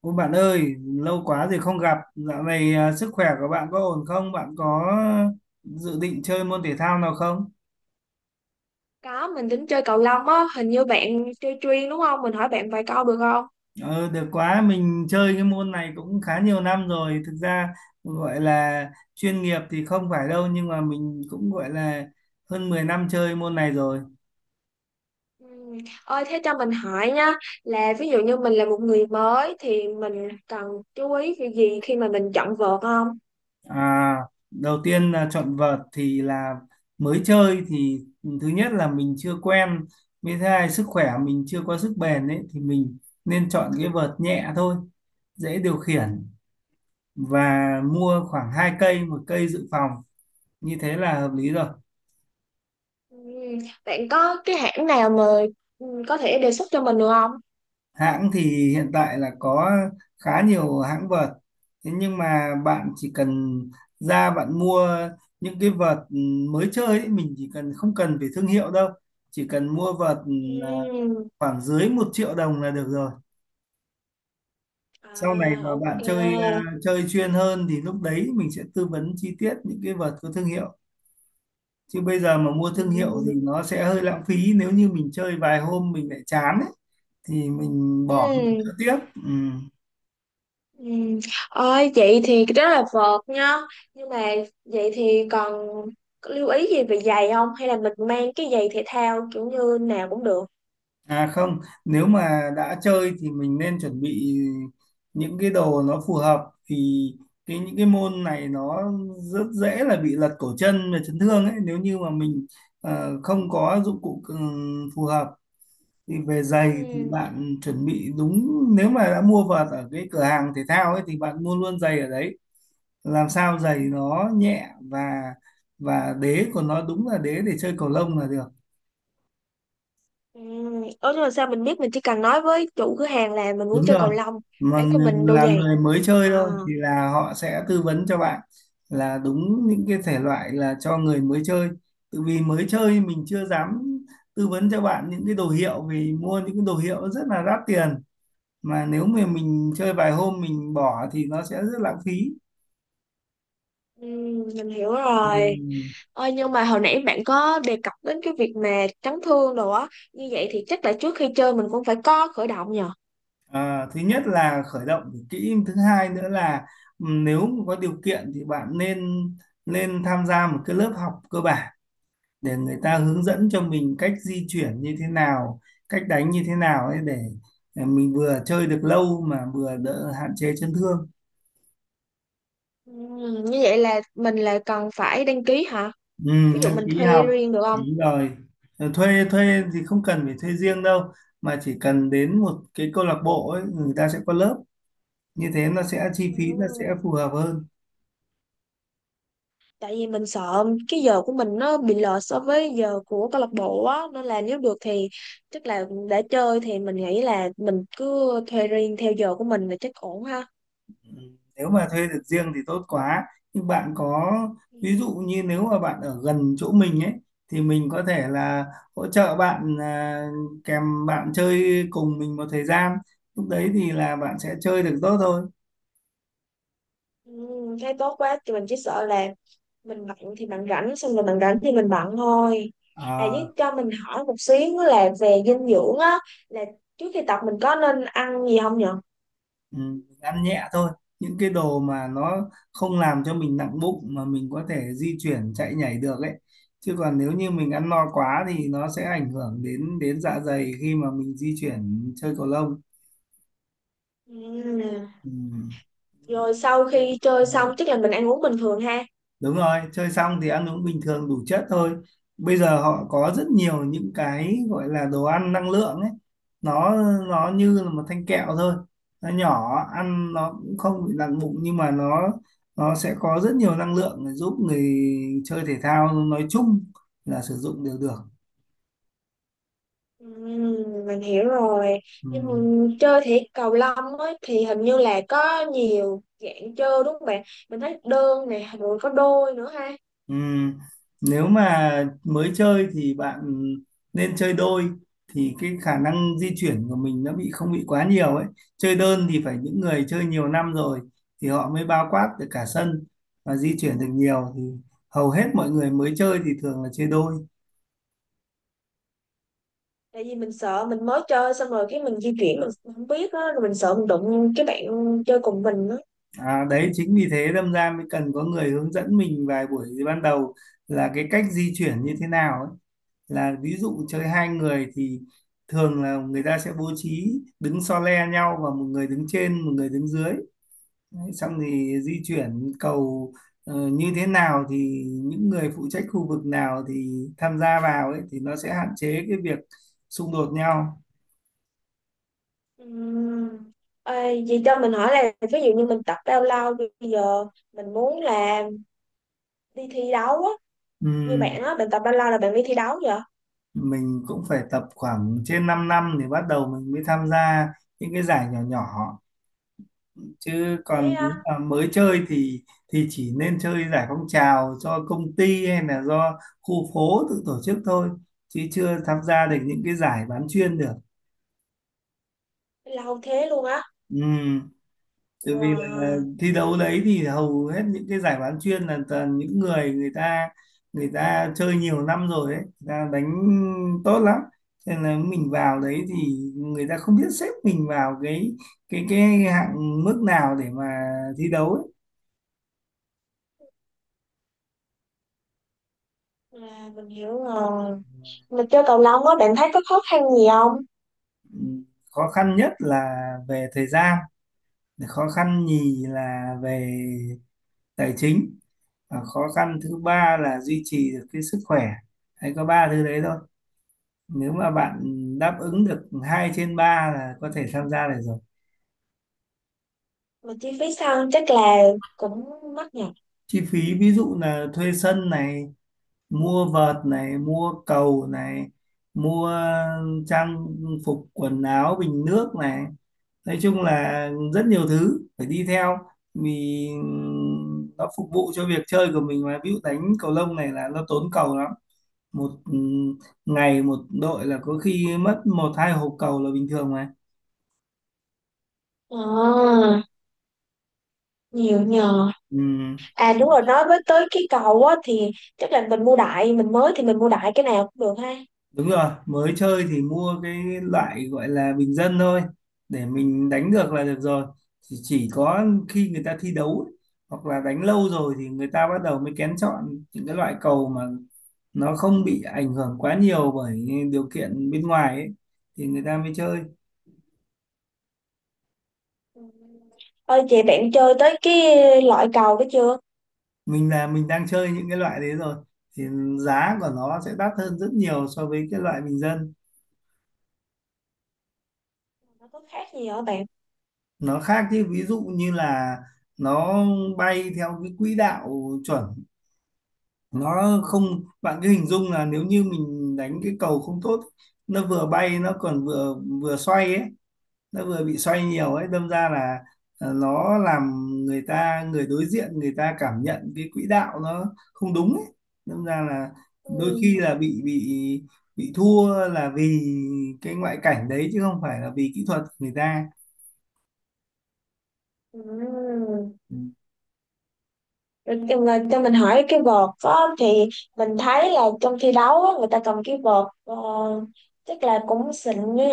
Ôi bạn ơi, lâu quá rồi không gặp. Dạo này sức khỏe của bạn có ổn không? Bạn có dự định chơi môn thể thao nào không? Có, mình tính chơi cầu lông á, hình như bạn chơi chuyên đúng không? Mình hỏi bạn vài câu được không? Ờ, được quá, mình chơi cái môn này cũng khá nhiều năm rồi. Thực ra gọi là chuyên nghiệp thì không phải đâu, nhưng mà mình cũng gọi là hơn 10 năm chơi môn này rồi. Ừ. Ơi, thế cho mình hỏi nha, là ví dụ như mình là một người mới thì mình cần chú ý cái gì khi mà mình chọn vợt không? À, đầu tiên là chọn vợt thì là mới chơi thì thứ nhất là mình chưa quen với thứ hai sức khỏe mình chưa có sức bền ấy thì mình nên chọn cái vợt nhẹ thôi, dễ điều khiển, và mua khoảng hai cây, một cây dự phòng, như thế là hợp lý rồi. Ừ. Bạn có cái hãng nào mà có thể đề xuất cho mình được không? Hãng thì hiện tại là có khá nhiều hãng vợt, thế nhưng mà bạn chỉ cần ra bạn mua những cái vợt mới chơi ấy, mình chỉ cần không cần phải thương hiệu đâu, chỉ cần mua vợt à, Ừ. khoảng dưới một triệu đồng là được rồi. À, Sau này mà bạn chơi ok. Chơi chuyên hơn thì lúc đấy mình sẽ tư vấn chi tiết những cái vợt có thương hiệu, chứ bây giờ mà mua Ừ. thương hiệu thì nó sẽ hơi lãng phí nếu như mình chơi vài hôm mình lại chán ấy, thì mình Ừ. bỏ mình chơi tiếp. Ừ. Ừ. Ôi, vậy thì rất là vợt nhá, nhưng mà vậy thì còn lưu ý gì về giày không, hay là mình mang cái giày thể thao kiểu như nào cũng được? À không, nếu mà đã chơi thì mình nên chuẩn bị những cái đồ nó phù hợp, thì cái những cái môn này nó rất dễ là bị lật cổ chân và chấn thương ấy, nếu như mà mình không có dụng cụ phù hợp. Thì về giày thì Ừ. bạn chuẩn bị đúng, nếu mà đã mua vợt ở cái cửa hàng thể thao ấy thì bạn mua luôn giày ở đấy, làm sao giày nó nhẹ và đế của nó đúng là đế để chơi cầu lông là được. Ừ. Ủa nhưng mà sao mình biết? Mình chỉ cần nói với chủ cửa hàng là mình muốn Đúng chơi rồi, cầu lông, mà bán cho mình đôi là giày người mới à? chơi thôi thì là họ sẽ tư vấn cho bạn là đúng những cái thể loại là cho người mới chơi, tự vì mới chơi mình chưa dám tư vấn cho bạn những cái đồ hiệu, vì mua những cái đồ hiệu rất là đắt tiền, mà nếu mà mình chơi vài hôm mình bỏ thì nó sẽ rất lãng phí. Ừ, mình hiểu rồi. Ừm. Ôi nhưng mà hồi nãy bạn có đề cập đến cái việc mà chấn thương đồ á, như vậy thì chắc là trước khi chơi mình cũng phải có khởi động nhờ? Thứ nhất là khởi động phải kỹ, thứ hai nữa là nếu mà có điều kiện thì bạn nên nên tham gia một cái lớp học cơ bản để người ta hướng dẫn cho mình cách di chuyển như thế nào, cách đánh như thế nào ấy, để mình vừa chơi được lâu mà vừa đỡ hạn chế chấn thương. Ừ, như vậy là mình là cần phải đăng ký hả? Ừ, Ví dụ đăng mình ký thuê học, riêng được không? đúng rồi. Ờ, Thuê thuê thì không cần phải thuê riêng đâu, mà chỉ cần đến một cái câu lạc bộ ấy người ta sẽ có lớp, như thế nó sẽ chi phí nó sẽ Ừ. phù hợp hơn. Tại vì mình sợ cái giờ của mình nó bị lệch so với giờ của câu lạc bộ á, nên là nếu được thì chắc là để chơi thì mình nghĩ là mình cứ thuê riêng theo giờ của mình là chắc ổn ha. Ừ, nếu mà thuê được riêng thì tốt quá. Nhưng bạn có, ví Ừ. dụ như nếu mà bạn ở gần chỗ mình ấy thì mình có thể là hỗ trợ bạn kèm bạn chơi cùng mình một thời gian. Lúc đấy thì là bạn sẽ chơi được tốt thôi. Ừ, thấy tốt quá, thì mình chỉ sợ là mình bận thì bạn rảnh, xong rồi bạn rảnh thì mình bận thôi. À, À, với cho mình hỏi một xíu là về dinh dưỡng á, là trước khi tập mình có nên ăn gì không nhở? ừ, mình ăn nhẹ thôi. Những cái đồ mà nó không làm cho mình nặng bụng mà mình có thể di chuyển chạy nhảy được ấy. Chứ còn nếu như mình ăn no quá thì nó sẽ ảnh hưởng đến đến dạ dày khi mà mình di chuyển chơi cầu lông. Ừ. Ừ. Rồi sau khi chơi Ừ. xong chắc là mình ăn uống bình thường ha? Đúng rồi, chơi xong thì ăn uống bình thường đủ chất thôi. Bây giờ họ có rất nhiều những cái gọi là đồ ăn năng lượng ấy. Nó nó như là một thanh kẹo thôi. Nó nhỏ, ăn nó cũng không bị nặng bụng, nhưng mà nó sẽ có rất nhiều năng lượng để giúp người chơi thể thao nói chung là sử dụng đều được. Mình hiểu rồi. Ừ. Nhưng mà chơi thể cầu lông ấy, thì hình như là có nhiều dạng chơi đúng không bạn? Mình thấy đơn nè rồi có đôi nữa ha. Ừm, Nếu mà mới chơi thì bạn nên chơi đôi, thì cái khả năng di chuyển của mình nó bị không bị quá nhiều ấy. Chơi đơn thì phải những người chơi nhiều năm rồi thì họ mới bao quát được cả sân và di chuyển được nhiều, thì hầu hết mọi người mới chơi thì thường là chơi đôi. Tại vì mình sợ mình mới chơi xong rồi cái mình di chuyển không biết á, rồi mình sợ mình đụng cái bạn chơi cùng mình á. À, đấy chính vì thế đâm ra mới cần có người hướng dẫn mình vài buổi ban đầu là cái cách di chuyển như thế nào ấy. Là ví dụ chơi hai người thì thường là người ta sẽ bố trí đứng so le nhau, và một người đứng trên một người đứng dưới. Đấy, xong thì di chuyển cầu như thế nào, thì những người phụ trách khu vực nào thì tham gia vào ấy, thì nó sẽ hạn chế cái việc xung đột nhau. Ừm, ê, vậy cho mình hỏi là ví dụ như mình tập bao lâu bây giờ, mình muốn là đi thi đấu á, như Ừm, bạn á, bạn tập bao lâu là bạn đi thi đấu vậy? mình cũng phải tập khoảng trên 5 năm thì bắt đầu mình mới tham gia những cái giải nhỏ nhỏ, chứ Thế còn nếu á? mà mới chơi thì chỉ nên chơi giải phong trào do công ty hay là do khu phố tự tổ chức thôi, chứ chưa tham gia được những cái giải bán chuyên được. Lâu thế luôn á? Ừ. Tại vì là Wow. thi đấu đấy thì hầu hết những cái giải bán chuyên là toàn những người người ta chơi nhiều năm rồi ấy, người ta đánh tốt lắm, nên là mình vào đấy thì người ta không biết xếp mình vào cái hạng mức nào để mà thi đấu ấy. À, mình hiểu rồi. Mình chơi cầu lông á, bạn thấy có khó khăn gì không? Khó khăn nhất là về thời gian, khó khăn nhì là về tài chính, và khó khăn thứ ba là duy trì được cái sức khỏe. Hay có ba thứ đấy thôi, nếu mà bạn đáp ứng được hai trên ba là có thể tham gia được rồi. Mà chi phí sân chắc là cũng mắc nhỉ. Chi phí ví dụ là thuê sân này, mua vợt này, mua cầu này, mua trang phục quần áo bình nước này, nói chung là rất nhiều thứ phải đi theo, vì nó phục vụ cho việc chơi của mình. Mà ví dụ đánh cầu lông này là nó tốn cầu lắm, một ngày một đội là có khi mất một hai hộp cầu là bình thường mà. À, nhiều nhờ. Ừ. À đúng rồi, nói với tới cái cầu á thì chắc là mình mua đại, mình mới thì mình mua đại cái nào cũng được ha. Đúng rồi, mới chơi thì mua cái loại gọi là bình dân thôi, để mình đánh được là được rồi. Chỉ có khi người ta thi đấu ấy, hoặc là đánh lâu rồi, thì người ta bắt đầu mới kén chọn những cái loại cầu mà nó không bị ảnh hưởng quá nhiều bởi điều kiện bên ngoài ấy, thì người ta mới chơi. Ừ. Ơi chị bạn chơi tới cái loại cầu đó chưa? Mình là mình đang chơi những cái loại đấy rồi, thì giá của nó sẽ đắt hơn rất nhiều so với cái loại bình dân. Nó có khác gì hả bạn? Nó khác chứ, ví dụ như là nó bay theo cái quỹ đạo chuẩn, nó không, bạn cứ hình dung là nếu như mình đánh cái cầu không tốt, nó vừa bay nó còn vừa vừa xoay ấy, nó vừa bị xoay nhiều ấy, đâm ra là nó làm người ta người đối diện người ta cảm nhận cái quỹ đạo nó không đúng ấy, đâm ra là đôi Ừ. khi là bị thua là vì cái ngoại cảnh đấy, chứ không phải là vì kỹ thuật người ta. Ừ. Ừ. Rồi cho mình hỏi cái vợt á, thì mình thấy là trong thi đấu á, người ta cầm cái vợt chắc là cũng xịn nhỉ?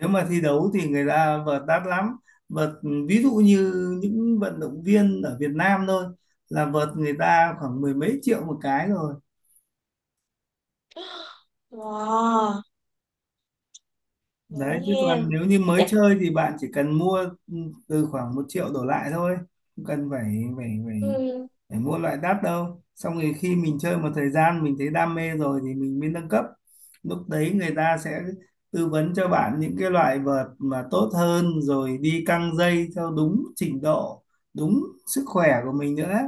Nếu mà thi đấu thì người ta vợt đắt lắm, vợt ví dụ như những vận động viên ở Việt Nam thôi là vợt người ta khoảng mười mấy triệu một cái rồi Wow, ngẫu đấy. Chứ nhiên. còn nếu như mới Chắc chơi thì bạn chỉ cần mua ừ, từ khoảng một triệu đổ lại thôi, không cần phải phải phải ừm, phải mua loại đắt đâu. Xong rồi khi mình chơi một thời gian mình thấy đam mê rồi thì mình mới nâng cấp, lúc đấy người ta sẽ tư vấn cho bạn những cái loại vợt mà tốt hơn, rồi đi căng dây theo đúng trình độ, đúng sức khỏe của mình nữa.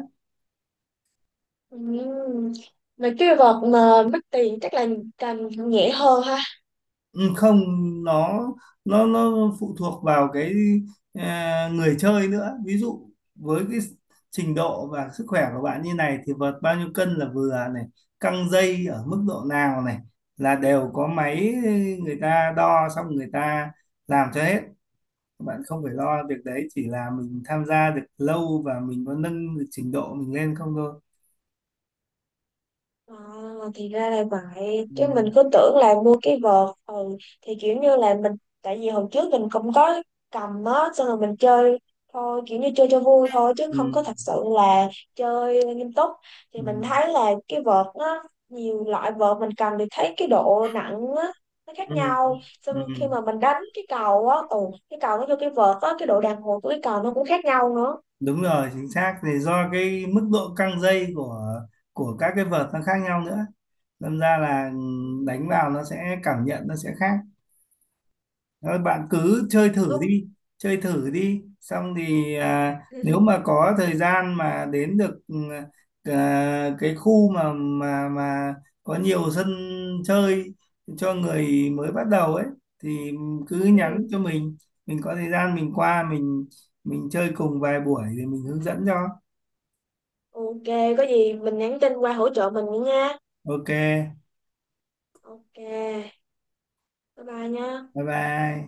ừm, mấy cái vật mà mất tiền chắc là càng nhẹ hơn ha. Ừ, không, nó nó phụ thuộc vào cái người chơi nữa, ví dụ với cái trình độ và sức khỏe của bạn như này thì vợt bao nhiêu cân là vừa này, căng dây ở mức độ nào này, là đều có máy, người ta đo xong người ta làm cho hết, bạn không phải lo việc đấy, chỉ là mình tham gia được lâu và mình có nâng được trình độ mình lên không thôi. À, thì ra là vậy, Ừ, chứ mình cứ tưởng là mua cái vợt thì kiểu như là mình, tại vì hồi trước mình cũng có cầm á, xong rồi mình chơi thôi kiểu như chơi cho vui thôi chứ ừ, không có thật sự là chơi nghiêm túc, thì ừ, mình thấy là cái vợt nó nhiều loại, vợt mình cầm thì thấy cái độ nặng á nó khác ừ, nhau, ừ. xong Ừ. khi mà mình đánh cái cầu á cái cầu nó cho cái vợt á cái độ đàn hồi của cái cầu nó cũng khác nhau nữa. Đúng rồi, chính xác, thì do cái mức độ căng dây của các cái vợt nó khác nhau nữa, đâm ra là Ừ, đánh vào nó sẽ cảm nhận nó sẽ khác. Thôi bạn cứ chơi nghiêm thử túc. đi, chơi thử đi, xong thì nếu mà có thời gian mà đến được cái khu mà có nhiều sân chơi cho người mới bắt đầu ấy, thì cứ nhắn Ừ. cho mình có thời gian mình qua mình chơi cùng vài buổi thì mình hướng dẫn cho. Ok, có gì mình nhắn tin qua hỗ trợ mình nữa nha. Ok, Ok, bye bye nha. bye bye.